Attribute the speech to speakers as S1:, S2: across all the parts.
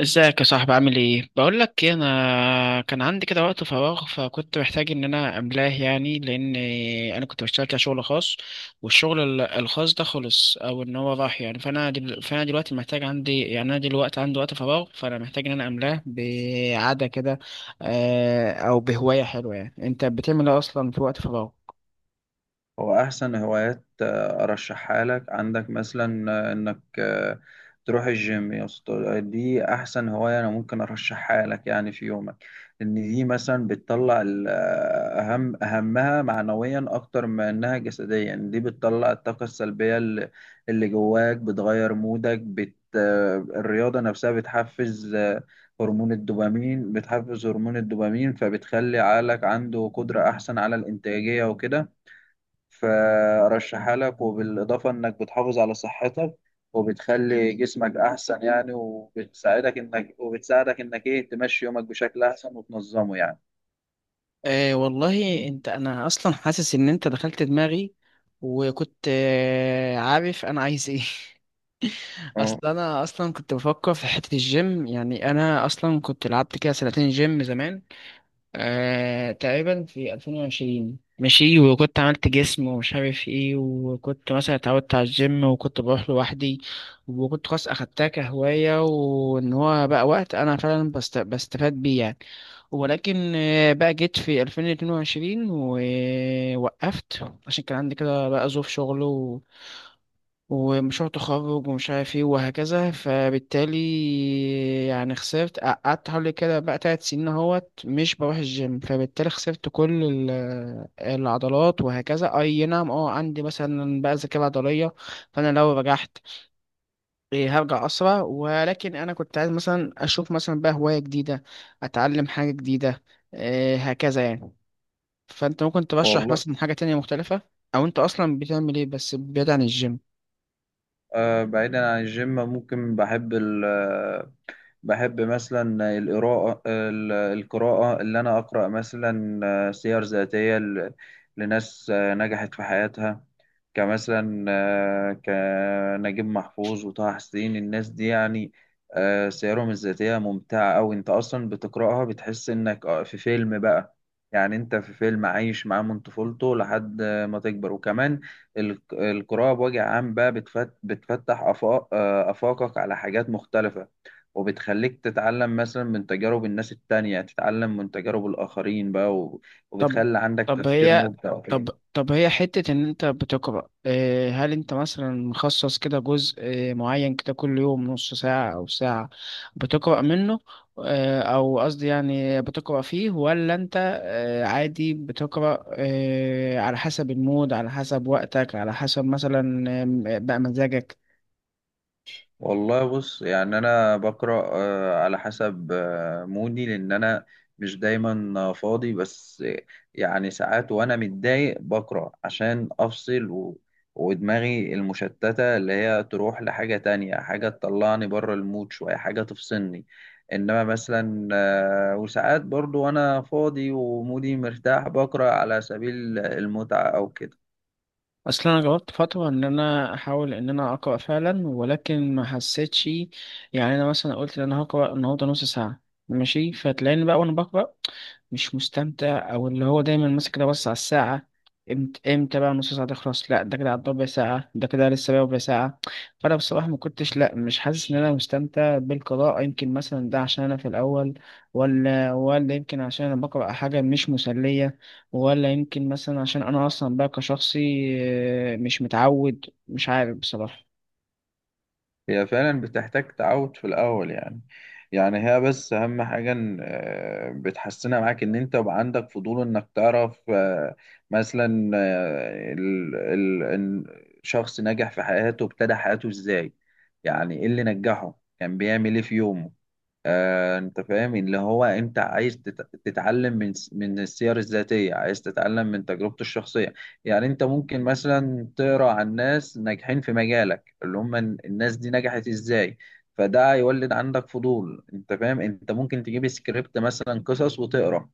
S1: ازيك يا صاحبي؟ عامل ايه؟ بقول لك ايه، انا كان عندي كده وقت فراغ، فكنت محتاج ان انا املاه يعني، لان انا كنت بشتغل كده شغل خاص، والشغل الخاص ده خلص او ان هو راح يعني. فانا دلوقتي محتاج، عندي، يعني انا دلوقتي عندي وقت فراغ، فانا محتاج ان انا املاه بعادة كده، او بهواية حلوة. يعني انت بتعمل ايه اصلا في وقت فراغ؟
S2: هو أحسن هوايات أرشحها لك. عندك مثلا إنك تروح الجيم يا اسطى. دي أحسن هواية أنا ممكن أرشحها لك يعني في يومك. إن دي مثلا بتطلع أهمها معنويا أكتر ما إنها جسديا. دي بتطلع الطاقة السلبية اللي جواك بتغير مودك بت آه، الرياضة نفسها بتحفز هرمون الدوبامين. فبتخلي عقلك عنده قدرة أحسن على الإنتاجية وكده. فارشحها لك، وبالاضافه انك بتحافظ على صحتك وبتخلي جسمك احسن يعني، وبتساعدك انك ايه تمشي يومك بشكل احسن وتنظمه يعني.
S1: آه والله، انت انا اصلا حاسس ان انت دخلت دماغي، وكنت عارف انا عايز ايه
S2: اه
S1: اصل انا اصلا كنت بفكر في حته الجيم، يعني انا اصلا كنت لعبت كده سنتين جيم زمان، تقريبا في 2020. ماشي، وكنت عملت جسم ومش عارف ايه، وكنت مثلا اتعودت على الجيم، وكنت بروح لوحدي، وكنت خلاص اخدتها كهوايه، وان هو بقى وقت انا فعلا بستفاد بيه يعني. ولكن بقى جيت في 2022 ووقفت، عشان كان عندي كده بقى ظروف شغل ومشروع تخرج ومش عارف ايه وهكذا. فبالتالي يعني خسرت، قعدت حوالي كده بقى تلات سنين اهوت مش بروح الجيم، فبالتالي خسرت كل العضلات وهكذا. اي نعم، عندي مثلا بقى ذاكرة عضلية، فانا لو رجعت، إيه، هرجع اسرع، ولكن انا كنت عايز مثلا اشوف مثلا بقى هواية جديدة، اتعلم حاجة جديدة، إيه، هكذا يعني. فانت ممكن ترشح
S2: والله.
S1: مثلا حاجة تانية مختلفة، او انت اصلا بتعمل ايه بس بعيد عن الجيم؟
S2: بعيدا عن الجيم ممكن بحب مثلا القراءة، القراءة اللي أنا أقرأ مثلا سير ذاتية لناس نجحت في حياتها، كمثلا كنجيب محفوظ وطه حسين، الناس دي يعني. سيرهم الذاتية ممتعة أوي. أنت أصلا بتقرأها بتحس إنك في فيلم بقى. يعني أنت في فيلم عايش معاه من طفولته لحد ما تكبر. وكمان القراءة بوجه عام بقى بتفتح آفاقك على حاجات مختلفة، وبتخليك تتعلم مثلا من تجارب الناس التانية، تتعلم من تجارب الآخرين بقى
S1: طب
S2: وبتخلي عندك
S1: طب
S2: تفكير
S1: هي
S2: مبدع
S1: طب
S2: وكده.
S1: طب هي حتة إن أنت بتقرأ، هل أنت مثلا مخصص كده جزء معين كده كل يوم نص ساعة أو ساعة بتقرأ منه؟ أو قصدي يعني بتقرأ فيه، ولا أنت عادي بتقرأ على حسب المود، على حسب وقتك، على حسب مثلا بقى مزاجك؟
S2: والله بص، يعني انا بقرا على حسب مودي، لان انا مش دايما فاضي بس يعني ساعات وانا متضايق بقرا عشان افصل ودماغي المشتته اللي هي تروح لحاجه تانية، حاجه تطلعني بره المود شويه، حاجه تفصلني. انما مثلا وساعات برضو وانا فاضي ومودي مرتاح بقرا على سبيل المتعه او كده.
S1: اصل انا جربت فتره ان انا احاول ان انا اقرا فعلا، ولكن ما حسيتش. يعني انا مثلا قلت ان انا هقرا النهارده نص ساعه ماشي، فتلاقيني بقى وانا بقرا مش مستمتع، او اللي هو دايما ماسك ده بص على الساعه امتى امتى بقى نص ساعه تخلص، لا ده كده عدى ربع ساعه، ده كده لسه بقى ربع ساعه. فانا بصراحه ما كنتش، لا مش حاسس ان انا مستمتع بالقراءه. يمكن مثلا ده عشان انا في الاول، ولا يمكن عشان انا بقرا حاجه مش مسليه، ولا يمكن مثلا عشان انا اصلا بقى كشخصي، مش متعود، مش عارف بصراحة.
S2: هي فعلا بتحتاج تعود في الأول يعني. يعني هي بس أهم حاجة إن بتحسنها معاك إن أنت يبقى عندك فضول إنك تعرف مثلا إن شخص نجح في حياته ابتدى حياته إزاي، يعني إيه اللي نجحه، كان بيعمل إيه في يومه. أنت فاهم، اللي هو أنت عايز تتعلم من من السير الذاتية، عايز تتعلم من تجربته الشخصية. يعني أنت ممكن مثلا تقرأ عن ناس ناجحين في مجالك، اللي هم الناس دي نجحت ازاي. فده هيولد عندك فضول، انت فاهم، انت ممكن تجيب سكريبت مثلا قصص وتقرا.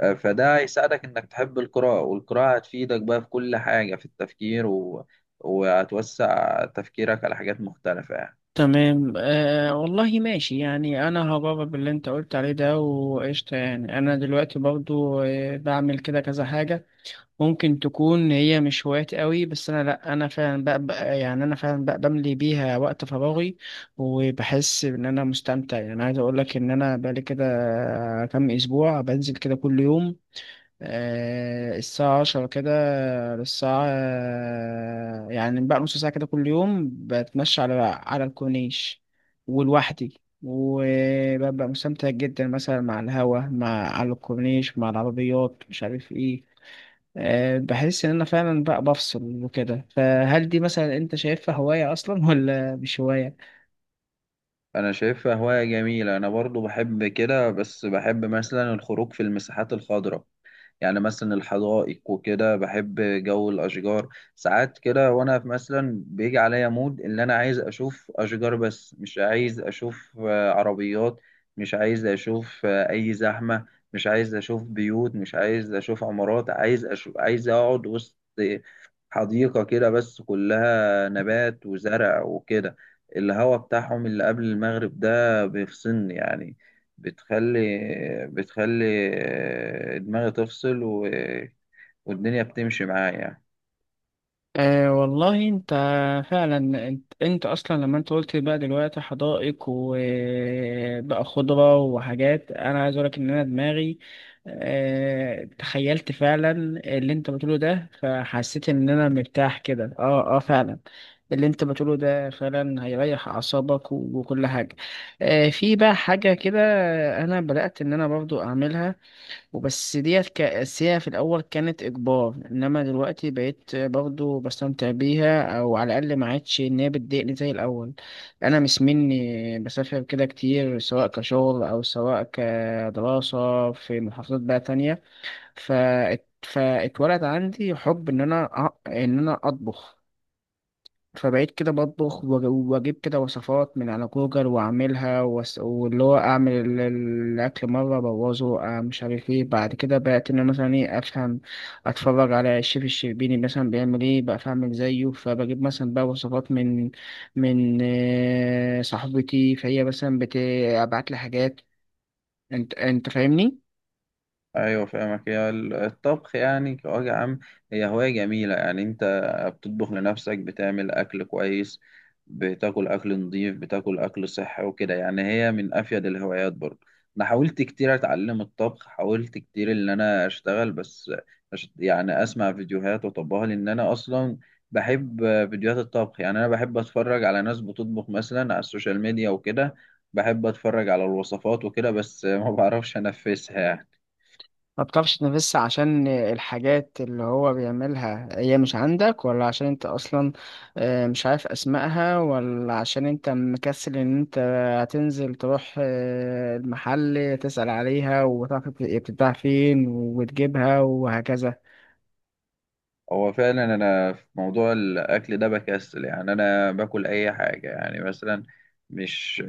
S2: فده هيساعدك انك تحب القراءة، والقراءة هتفيدك بقى في كل حاجة، في التفكير وهتوسع تفكيرك على حاجات مختلفة يعني.
S1: تمام، آه والله ماشي. يعني انا هجرب باللي انت قلت عليه ده، وقشطة. يعني انا دلوقتي برضو بعمل كده كذا حاجة، ممكن تكون هي مش هوايات قوي، بس انا، لا انا فعلا بقى يعني انا فعلا بقى بملي بيها وقت فراغي، وبحس ان انا مستمتع. يعني عايز اقول لك ان انا بقالي كده كام اسبوع بنزل كده كل يوم، الساعة عشرة كده الساعة، يعني بقى نص ساعة كده كل يوم، بتمشى على الكورنيش ولوحدي، وببقى مستمتع جدا، مثلا مع الهوا، مع على الكورنيش، مع العربيات، مش عارف ايه. بحس ان انا فعلا بقى بفصل وكده. فهل دي مثلا انت شايفها هواية اصلا ولا مش هواية؟
S2: انا شايفها هواية جميلة. انا برضو بحب كده بس بحب مثلا الخروج في المساحات الخضراء، يعني مثلا الحدائق وكده. بحب جو الأشجار. ساعات كده وأنا مثلا بيجي عليا مود إن أنا عايز أشوف أشجار، بس مش عايز أشوف عربيات، مش عايز أشوف أي زحمة، مش عايز أشوف بيوت، مش عايز أشوف عمارات، عايز أقعد وسط حديقة كده بس كلها نبات وزرع وكده. الهوا بتاعهم اللي قبل المغرب ده بيفصلني يعني. بتخلي بتخلي دماغي تفصل والدنيا بتمشي معايا يعني.
S1: أه والله انت فعلا. انت اصلا لما انت قلت بقى دلوقتي حدائق وبقى خضرة وحاجات، انا عايز اقولك ان انا دماغي تخيلت فعلا اللي انت بتقوله ده، فحسيت ان انا مرتاح كده، فعلا اللي انت بتقوله ده فعلا هيريح اعصابك وكل حاجة. أه، في بقى حاجة كده انا بدأت ان انا برضو اعملها، وبس ديت كأساسية في الأول كانت إجبار، إنما دلوقتي بقيت برضو بستمتع بيها، أو على الأقل ما عادش إن هي بتضايقني زي الأول. أنا مش مني بسافر كده كتير، سواء كشغل أو سواء كدراسة، في محافظات بقى تانية، فاتولد عندي حب إن أنا أطبخ. فبقيت كده بطبخ واجيب كده وصفات من على جوجل واعملها، واللي هو اعمل الاكل مره ابوظه، مش عارف ايه، بعد كده بقيت ان أنا مثلا ايه افهم، اتفرج على الشيف الشربيني مثلا بيعمل ايه بقى فاعمل زيه، فبجيب مثلا بقى وصفات من صاحبتي، فهي مثلا بتبعت لي حاجات. انت فاهمني؟
S2: ايوه فاهمك. هي الطبخ يعني كوجه عام هي هوايه جميله يعني، انت بتطبخ لنفسك، بتعمل اكل كويس، بتاكل اكل نظيف، بتاكل اكل صحي وكده يعني. هي من افيد الهوايات برضه. انا حاولت كتير اتعلم الطبخ، حاولت كتير ان انا اشتغل، بس يعني اسمع فيديوهات واطبقها، لان انا اصلا بحب فيديوهات الطبخ. يعني انا بحب اتفرج على ناس بتطبخ مثلا على السوشيال ميديا وكده، بحب اتفرج على الوصفات وكده، بس ما بعرفش انفذها يعني.
S1: ما بتعرفش تنافس عشان الحاجات اللي هو بيعملها هي مش عندك، ولا عشان انت اصلا مش عارف اسمائها، ولا عشان انت مكسل ان انت هتنزل تروح المحل تسأل عليها، وتعرف هي بتتباع فين وتجيبها وهكذا؟
S2: هو فعلا انا في موضوع الاكل ده بكسل يعني، انا باكل اي حاجه. يعني مثلا مش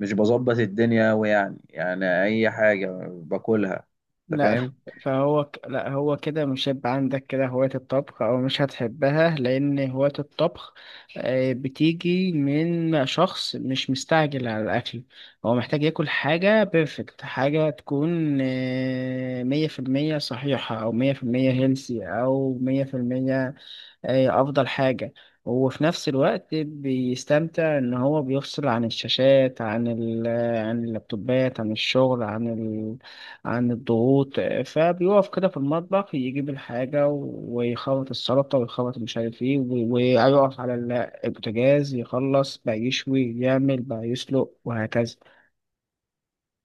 S2: مش بظبط الدنيا أوي، يعني اي حاجه باكلها، انت
S1: لا ف-
S2: فاهم.
S1: فهو ك- لا هو كده مش هيبقى عندك كده هواية الطبخ، أو مش هتحبها، لأن هواية الطبخ بتيجي من شخص مش مستعجل على الأكل. هو محتاج ياكل حاجة بيرفكت، حاجة تكون مية في المية صحيحة، أو مية في المية هيلسي، أو مية في المية هي افضل حاجة. وفي نفس الوقت بيستمتع ان هو بيفصل عن الشاشات، عن اللابتوبات، عن الشغل، عن الضغوط، فبيقف كده في المطبخ، يجيب الحاجة ويخلط السلطة ويخلط مش عارف ايه ويقف على البوتاجاز، يخلص بقى يشوي يعمل بقى يسلق وهكذا.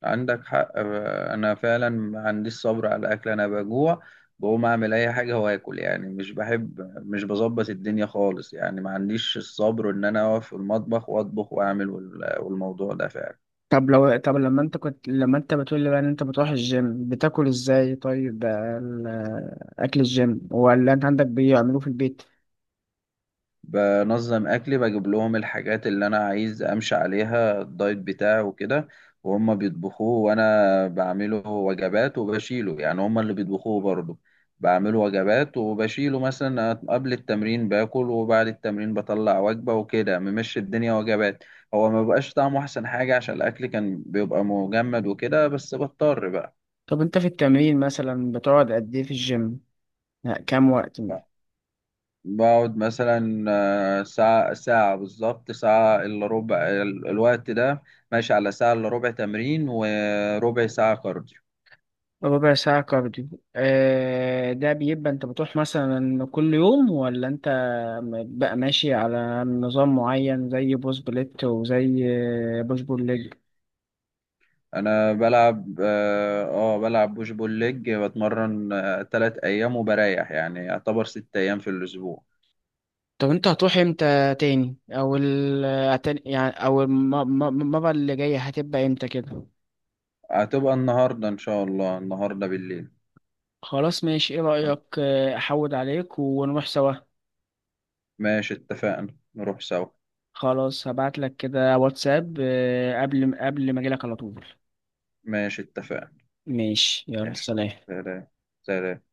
S2: عندك حق. انا فعلا ما عنديش صبر على الاكل، انا بجوع بقوم اعمل اي حاجه واكل يعني. مش بحب، مش بظبط الدنيا خالص يعني، ما عنديش الصبر ان انا اقف في المطبخ واطبخ واعمل والموضوع ده فعلا.
S1: طب لو طب لما انت كنت لما انت بتقول لي بقى ان انت بتروح الجيم، بتاكل ازاي؟ طيب بقى اكل الجيم، ولا انت عندك بيعملوه في البيت؟
S2: بنظم اكلي، بجيب لهم الحاجات اللي انا عايز امشي عليها الدايت بتاعي وكده، وهم بيطبخوه. وانا بعمله وجبات وبشيله، يعني هم اللي بيطبخوه برضه، بعمله وجبات وبشيله، مثلا قبل التمرين باكل وبعد التمرين بطلع وجبة وكده، ممشي الدنيا وجبات. هو ما بقاش طعمه احسن حاجة عشان الاكل كان بيبقى مجمد وكده، بس بضطر بقى.
S1: طب انت في التمرين مثلا بتقعد قد ايه في الجيم؟ لا، كام وقت؟
S2: بقعد مثلا ساعة، ساعة بالظبط، ساعة إلا ربع. الوقت ده ماشي على ساعة إلا ربع تمرين وربع ساعة كارديو.
S1: ربع ساعة كارديو. ده بيبقى انت بتروح مثلا كل يوم، ولا انت بقى ماشي على نظام معين زي بوش بليت، وزي بوش بول ليج؟
S2: أنا بلعب آه آه، بلعب بوش بول ليج. بتمرن 3 أيام وبريح، يعني يعتبر 6 أيام في الأسبوع.
S1: طب انت هتروح امتى تاني، او يعني او المرة اللي جاية هتبقى امتى كده؟
S2: هتبقى النهاردة إن شاء الله، النهاردة بالليل.
S1: خلاص ماشي، ايه رأيك احود عليك ونروح سوا؟
S2: ماشي اتفقنا نروح سوا.
S1: خلاص هبعت لك كده واتساب، قبل ما اجيلك على طول.
S2: ماشي اتفقنا.
S1: ماشي، يلا
S2: ماشي.
S1: سلام.
S2: سلام. سلام.